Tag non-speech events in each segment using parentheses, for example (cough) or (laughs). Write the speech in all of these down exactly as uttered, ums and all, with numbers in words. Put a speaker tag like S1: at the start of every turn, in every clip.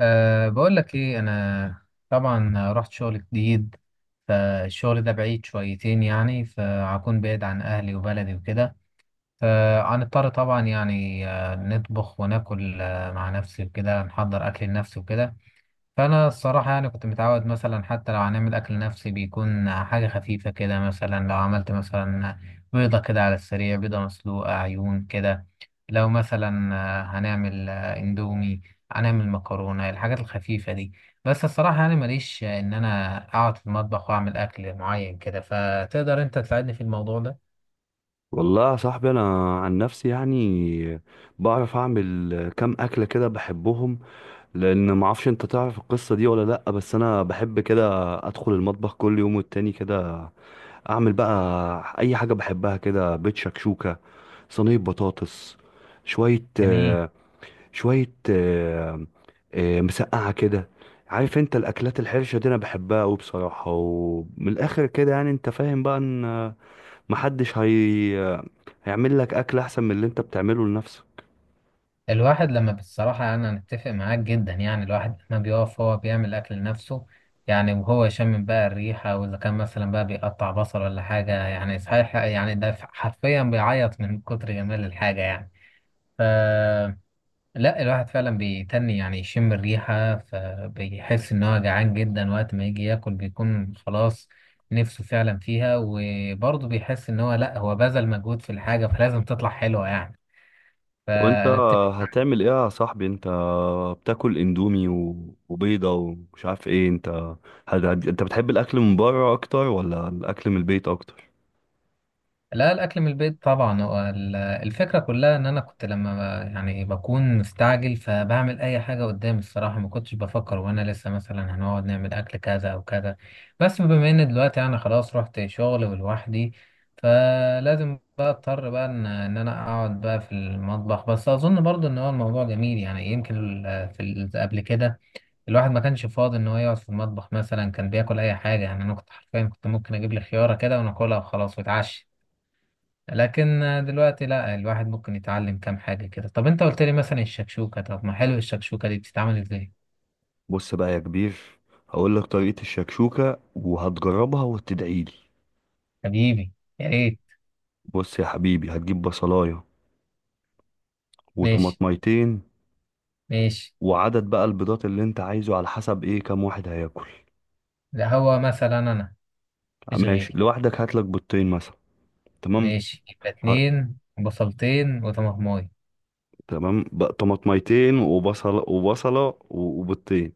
S1: أه بقول لك ايه انا، طبعا رحت شغل جديد. فالشغل ده بعيد شويتين يعني، فهكون بعيد عن اهلي وبلدي وكده. فهنضطر طبعا يعني آه، نطبخ وناكل آه، مع نفسي وكده، نحضر اكل لنفسي وكده. فأنا الصراحة يعني كنت متعود مثلا حتى لو هنعمل أكل نفسي بيكون حاجة خفيفة كده. مثلا لو عملت مثلا بيضة كده على السريع، بيضة مسلوقة عيون كده. لو مثلا آه، هنعمل آه، اندومي، هنعمل مكرونة، الحاجات الخفيفة دي. بس الصراحة يعني ماليش آه، إن أنا أقعد في المطبخ وأعمل أكل معين كده، فتقدر أنت تساعدني في الموضوع ده؟
S2: والله يا صاحبي، انا عن نفسي يعني بعرف اعمل كام اكله كده بحبهم. لان ما اعرفش انت تعرف القصه دي ولا لا، بس انا بحب كده ادخل المطبخ كل يوم والتاني كده، اعمل بقى اي حاجه بحبها كده. بيت شكشوكه، صينيه بطاطس، شويه
S1: جميل.
S2: آه، شويه آه، آه، مسقعه كده. عارف انت الاكلات الحرشه دي انا بحبها قوي بصراحه، ومن الاخر كده يعني انت فاهم بقى ان محدش هي... هيعمل لك اكل احسن من اللي انت بتعمله لنفسك.
S1: الواحد لما، بصراحة أنا أتفق معاك جدا، يعني الواحد لما بيقف هو بيعمل أكل لنفسه يعني، وهو يشم بقى الريحة، وإذا كان مثلا بقى بيقطع بصل ولا حاجة يعني صحيح، يعني ده حرفيا بيعيط من كتر جمال الحاجة يعني. ف لا، الواحد فعلا بيتني يعني يشم الريحة، فبيحس إن هو جعان جدا، وقت ما يجي ياكل بيكون خلاص نفسه فعلا فيها، وبرضه بيحس إن هو، لا هو بذل مجهود في الحاجة فلازم تطلع حلوة يعني.
S2: وانت
S1: فأنا أتفق.
S2: هتعمل ايه يا صاحبي؟ انت بتاكل اندومي و... وبيضة ومش عارف ايه. انت هت... هت- انت بتحب الاكل من بره اكتر ولا الاكل من البيت اكتر؟
S1: لا، الأكل من البيت طبعا. هو ال- الفكرة كلها إن أنا كنت لما ب- يعني بكون مستعجل، فبعمل أي حاجة قدامي الصراحة. ما كنتش بفكر وأنا لسه مثلا هنقعد نعمل أكل كذا أو كذا. بس بما إن دلوقتي أنا خلاص رحت شغل ولوحدي، فلازم بقى أضطر بقى إن إن أنا أقعد بقى في المطبخ. بس أظن برضو إن هو الموضوع جميل يعني، يمكن ال- في ال- قبل كده الواحد ما كانش فاضي إن هو يقعد في المطبخ. مثلا كان بياكل أي حاجة يعني، أنا كنت حرفيا كنت ممكن أجيب لي خيارة كده وناكلها وخلاص وأتعشى. لكن دلوقتي لا، الواحد ممكن يتعلم كام حاجة كده. طب انت قلت لي مثلا الشكشوكة، طب ما حلو، الشكشوكة دي بتتعمل ازاي؟
S2: بص بقى يا كبير، هقول لك طريقة الشكشوكة وهتجربها وتدعيلي.
S1: حبيبي، يا ريت.
S2: بص يا حبيبي، هتجيب بصلاية
S1: ماشي
S2: وطماطميتين،
S1: ماشي.
S2: وعدد بقى البيضات اللي انت عايزه على حسب ايه كام واحد هياكل.
S1: ده هو مثلا انا، مفيش
S2: ماشي،
S1: غيري.
S2: لوحدك هاتلك بيضتين مثلا. تمام،
S1: ماشي، يبقى اتنين، بصلتين وطماطماية.
S2: تمام. ب- طماطميتين وبصل وبصلة و- وبيضتين،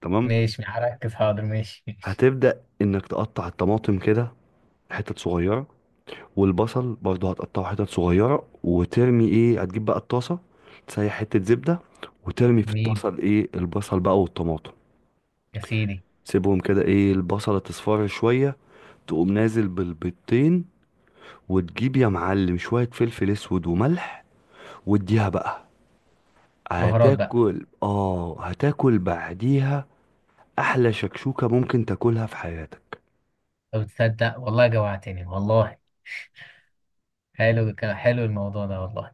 S2: تمام.
S1: ماشي هركز، حاضر، ماشي ماشي.
S2: هتبدأ انك تقطع الطماطم كده حتت صغيرة، والبصل برضه هتقطعه حتت صغيرة، وترمي ايه، هتجيب بقى الطاسة، تسيح حتة زبدة وترمي في
S1: جميل،
S2: الطاسة الايه البصل بقى والطماطم.
S1: يا سيدي.
S2: سيبهم كده ايه البصلة تصفر شوية، تقوم نازل بالبيضتين، وتجيب يا معلم شوية فلفل اسود وملح، واديها بقى.
S1: بهارات بقى.
S2: هتاكل اه، هتاكل بعديها احلى شكشوكة ممكن تاكلها في حياتك.
S1: طب تصدق والله جوعتني والله. حلو الك- حلو الموضوع ده والله.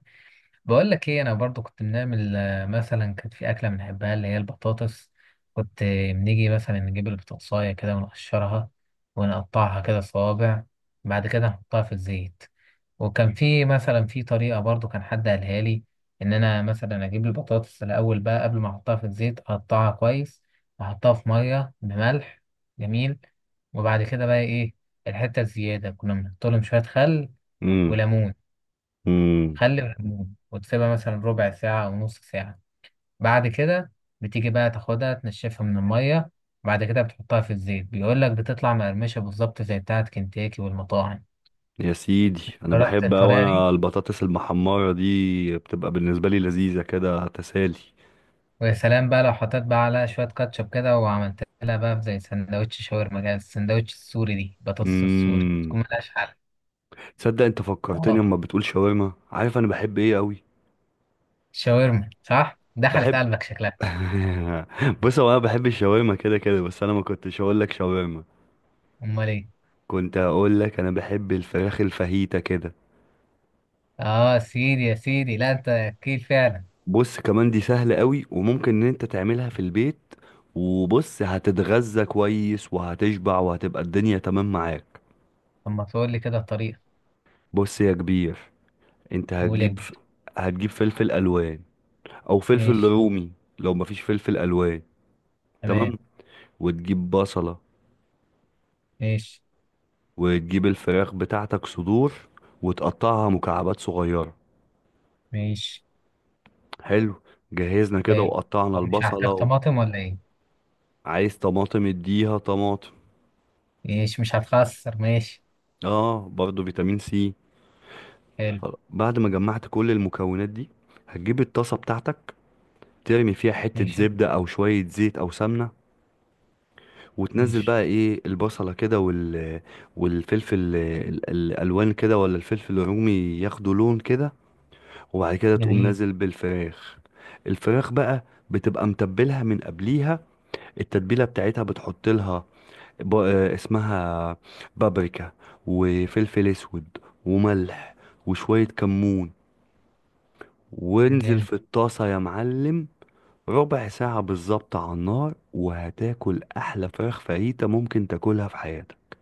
S1: بقول لك ايه، انا برضو كنت بنعمل آه، مثلا كانت في اكله بنحبها اللي هي البطاطس. كنت آه، بنيجي مثلا نجيب البطاطسايه كده ونقشرها، ونقطعها كده صوابع، بعد كده نحطها في الزيت. وكان في مثلا في طريقه برضو كان حد قالها لي، ان انا مثلا اجيب البطاطس الاول بقى قبل ما احطها في الزيت، اقطعها كويس واحطها في ميه بملح. جميل. وبعد كده بقى ايه، الحته الزياده كنا بنحط لهم شويه خل
S2: امم
S1: وليمون.
S2: امم
S1: خلي بالليمون، وتسيبها مثلا ربع ساعة أو نص ساعة. بعد كده بتيجي بقى تاخدها تنشفها من المية، بعد كده بتحطها في الزيت، بيقول لك بتطلع مقرمشة بالظبط زي بتاعة كنتاكي والمطاعم.
S2: يا سيدي، انا
S1: جربت
S2: بحب اوي،
S1: الطريقة دي،
S2: انا البطاطس المحمرة دي بتبقى بالنسبة لي لذيذة كده تسالي.
S1: ويا سلام بقى لو حطيت بقى عليها شوية كاتشب كده، وعملت لها بقى زي سندوتش شاورما كده، السندوتش السوري دي، بطاطس السوري
S2: امم
S1: بتكون ملهاش حل.
S2: تصدق، انت فكرتني
S1: اه
S2: اما بتقول شاورما، عارف انا بحب ايه قوي؟
S1: شاورما، صح، دخلت
S2: بحب
S1: قلبك شكلها.
S2: (laughs) بص، هو انا بحب الشاورما كده كده، بس انا ما كنتش هقول لك شاورما.
S1: امال ايه؟
S2: كنت هقول لك انا بحب الفراخ الفاهيتا كده.
S1: اه سيدي يا سيدي، لا انت اكيد فعلا.
S2: بص كمان دي سهلة قوي، وممكن ان انت تعملها في البيت، وبص هتتغذى كويس وهتشبع وهتبقى الدنيا تمام معاك.
S1: طب ما تقول لي كده الطريقة.
S2: بص يا كبير، انت
S1: قول يا
S2: هتجيب ف...
S1: كبير.
S2: هتجيب فلفل الوان او فلفل
S1: ماشي.
S2: رومي لو مفيش فلفل الوان.
S1: تمام.
S2: تمام، وتجيب بصلة،
S1: ماشي
S2: وتجيب الفراخ بتاعتك صدور وتقطعها مكعبات صغيرة.
S1: ماشي.
S2: حلو، جهزنا كده
S1: حلو.
S2: وقطعنا
S1: هو مش هحتاج
S2: البصلة.
S1: طماطم ولا ايه؟
S2: عايز طماطم اديها طماطم،
S1: ماشي، مش هتخسر، ماشي.
S2: اه برضو فيتامين سي.
S1: حلو.
S2: خلاص. بعد ما جمعت كل المكونات دي، هتجيب الطاسة بتاعتك، ترمي فيها حتة
S1: ماشي
S2: زبدة أو شوية زيت أو سمنة، وتنزل
S1: ماشي.
S2: بقى إيه البصلة كده وال... والفلفل ال- ال- الألوان كده ولا الفلفل الرومي، ياخدوا لون كده، وبعد كده تقوم
S1: جميل.
S2: نازل بالفراخ. الفراخ بقى بتبقى متبلها من قبليها، التتبيلة بتاعتها بتحط لها ب... آه، اسمها بابريكا، وفلفل أسود، وملح، وشوية كمون، وانزل
S1: جامد.
S2: في الطاسة يا معلم. ربع ساعة بالظبط على النار، وهتاكل أحلى فراخ فاهيتا ممكن تاكلها في حياتك.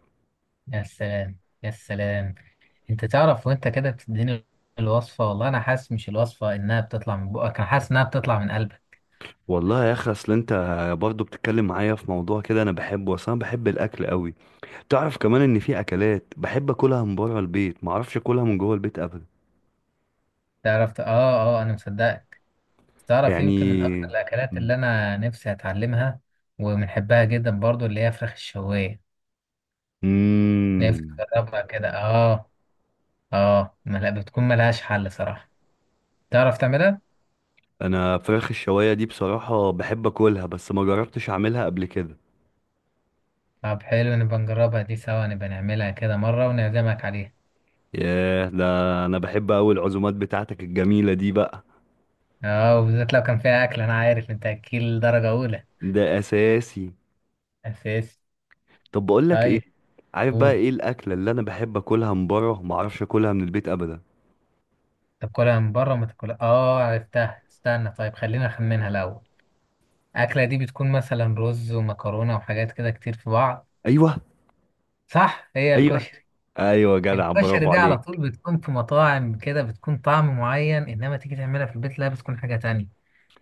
S1: يا سلام يا سلام. انت تعرف وانت كده بتديني الوصفة والله، انا حاسس مش الوصفة انها بتطلع من بقك، انا حاسس انها بتطلع من قلبك.
S2: والله يا أخي، أصل أنت برضه بتتكلم معايا في موضوع كده أنا بحبه، وأصل أنا بحب الأكل قوي. تعرف كمان إن في أكلات بحب أكلها من بره البيت معرفش أكلها من جوه البيت أبدا.
S1: تعرف ت- اه اه انا مصدقك. تعرف يمكن من اكتر
S2: يعني
S1: الاكلات اللي انا نفسي اتعلمها وبنحبها جدا برضو، اللي هي فراخ الشواية. نفسي
S2: مم.
S1: اجربها كده، اه. اه ملا بتكون ملهاش حل صراحة. تعرف تعملها؟
S2: أنا فراخ الشواية دي بصراحة بحب أكلها، بس ما جربتش أعملها قبل كده.
S1: طب حلو، نبقى نجربها دي سوا، نبقى نعملها كده مرة ونعزمك عليها.
S2: ياه، ده أنا بحب أوي العزومات بتاعتك الجميلة دي بقى.
S1: اه وبالذات لو كان فيها أكل، أنا عارف أنت أكيل درجة أولى.
S2: ده اساسي.
S1: أساسي.
S2: طب بقول لك ايه،
S1: طيب.
S2: عارف بقى
S1: قول
S2: ايه الاكله اللي انا بحب اكلها من بره ما اعرفش اكلها من البيت ابدا؟
S1: تاكلها من بره ما تاكلها. اه عرفتها، استنى طيب، خلينا نخمنها الأول. الأكلة دي بتكون مثلا رز ومكرونة وحاجات كده كتير في بعض.
S2: ايوه،
S1: صح، هي
S2: ايوه،
S1: الكشري.
S2: ايوه، جدع،
S1: الكشري
S2: برافو
S1: دي على طول
S2: عليك.
S1: بتكون في مطاعم كده، بتكون طعم معين، إنما تيجي تعملها في البيت لا، بتكون حاجة تانية.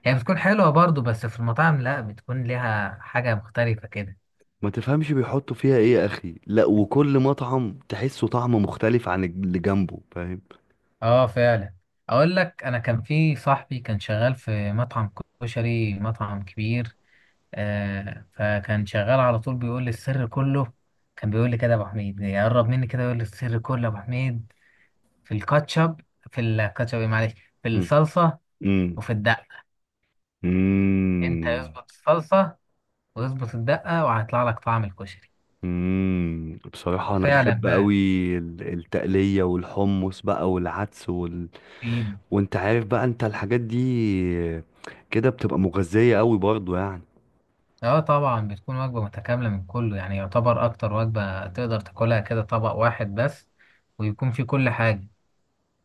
S1: هي بتكون حلوة برضو، بس في المطاعم لا، بتكون ليها حاجة مختلفة كده.
S2: ما تفهمش بيحطوا فيها ايه يا اخي، لا وكل مطعم تحسه طعم مختلف عن الج- اللي جنبه، فاهم.
S1: اه فعلا. اقول لك، انا كان في صاحبي كان شغال في مطعم كشري، مطعم كبير. آه فكان شغال على طول بيقول لي السر كله. كان بيقول لي كده يا ابو حميد، يقرب مني كده، يقول لي السر كله يا ابو حميد، في الكاتشب، في الكاتشب إيه معلش، في
S2: مم.
S1: الصلصة
S2: مم.
S1: وفي الدقة. انت
S2: مم.
S1: يظبط الصلصة ويظبط الدقة، وهيطلع لك طعم الكشري.
S2: مم. بصراحة أنا
S1: وفعلا
S2: بحب
S1: بقى.
S2: أوي ال- التقلية والحمص بقى والعدس وال...
S1: في.
S2: وأنت عارف بقى أنت الحاجات دي كده بتبقى مغذية أوي برضو يعني.
S1: اه طبعا بتكون وجبة متكاملة من كله، يعني يعتبر أكتر وجبة تقدر تاكلها كده طبق واحد بس، ويكون فيه كل حاجة.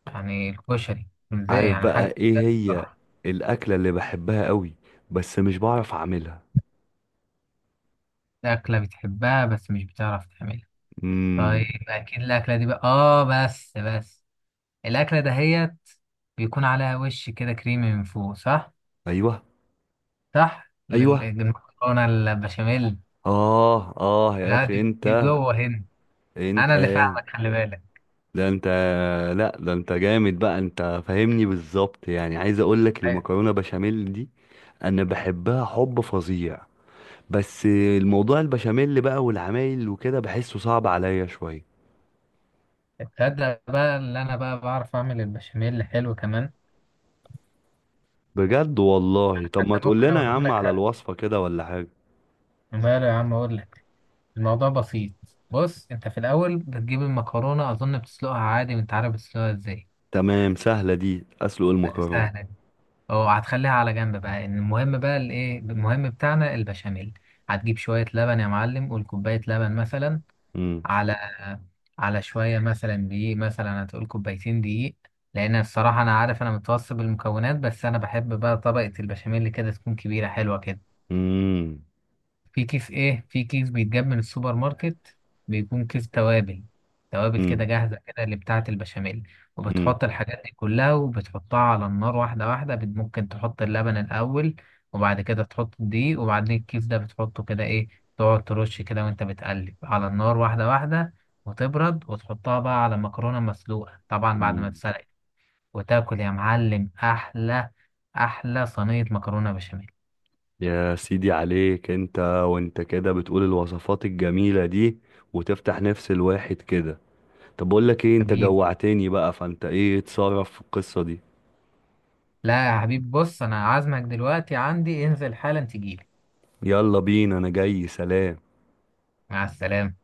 S1: يعني الكشري ازاي،
S2: عارف
S1: يعني
S2: بقى
S1: حاجة.
S2: ايه هي
S1: بصراحة.
S2: الاكله اللي بحبها قوي بس مش بعرف اعملها؟
S1: أكلة بتحبها بس مش بتعرف تعملها. طيب
S2: امم
S1: أكيد الأكلة دي بقى، اه بس بس. الأكلة دهيت بيكون عليها وش كده كريمي من فوق، صح؟
S2: ايوه،
S1: صح؟ لل-
S2: ايوه،
S1: المكرونة البشاميل.
S2: اه، اه يا
S1: لا،
S2: اخي،
S1: دي دي
S2: انت
S1: جوه هنا.
S2: انت
S1: أنا اللي فاهمك، خلي بالك.
S2: ده انت، لا ده انت جامد بقى، انت فاهمني بالظبط يعني. عايز اقول لك المكرونه بشاميل دي انا بحبها حب فظيع، بس الموضوع البشاميل بقى والعمايل وكده بحسه صعب عليا شويه.
S1: تصدق بقى اللي انا بقى بعرف اعمل البشاميل حلو كمان.
S2: بجد، والله طب ما
S1: حتى
S2: تقول
S1: ممكن
S2: لنا يا
S1: اقوله
S2: عم
S1: لك
S2: على
S1: حتى،
S2: الوصفه كده ولا حاجه.
S1: ماله يا عم اقول لك، الموضوع بسيط. بص، انت في الاول بتجيب المكرونه، اظن بتسلقها عادي وانت عارف بتسلقها ازاي،
S2: تمام، سهله دي اسلق المكرونه.
S1: سهله دي. اه هتخليها على جنب بقى، إن المهم بقى الايه، المهم بتاعنا البشاميل. هتجيب شويه لبن يا معلم، قول كوبايه لبن مثلا،
S2: مم.
S1: على على شوية مثلا دقيق، مثلا هتقول كوبايتين دقيق. لأن الصراحة أنا عارف أنا متوسط بالمكونات، بس أنا بحب بقى طبقة البشاميل كده تكون كبيرة حلوة كده.
S2: مم.
S1: في كيس ايه، في كيس بيتجاب من السوبر ماركت، بيكون كيس توابل، توابل كده
S2: مم.
S1: جاهزة كده اللي بتاعة البشاميل.
S2: مم.
S1: وبتحط الحاجات دي كلها وبتحطها على النار واحدة واحدة، بت- ممكن تحط اللبن الأول، وبعد كده تحط الدقيق، وبعدين الكيس ده بتحطه كده ايه، تقعد ترش كده وانت بتقلب على النار واحدة واحدة. وتبرد وتحطها بقى على مكرونة مسلوقة طبعا بعد ما
S2: مم.
S1: تسلقت، وتاكل يا معلم أحلى أحلى صينية مكرونة بشاميل.
S2: يا سيدي عليك، انت وانت كده بتقول الوصفات الجميلة دي وتفتح نفس الواحد كده. طب بقول لك ايه، انت
S1: حبيبي،
S2: جوعتني بقى، فانت ايه اتصرف في القصة دي.
S1: لا يا حبيب، بص انا عازمك دلوقتي عندي، انزل حالا تجيلي.
S2: يلا بينا، انا جاي، سلام.
S1: مع السلامة.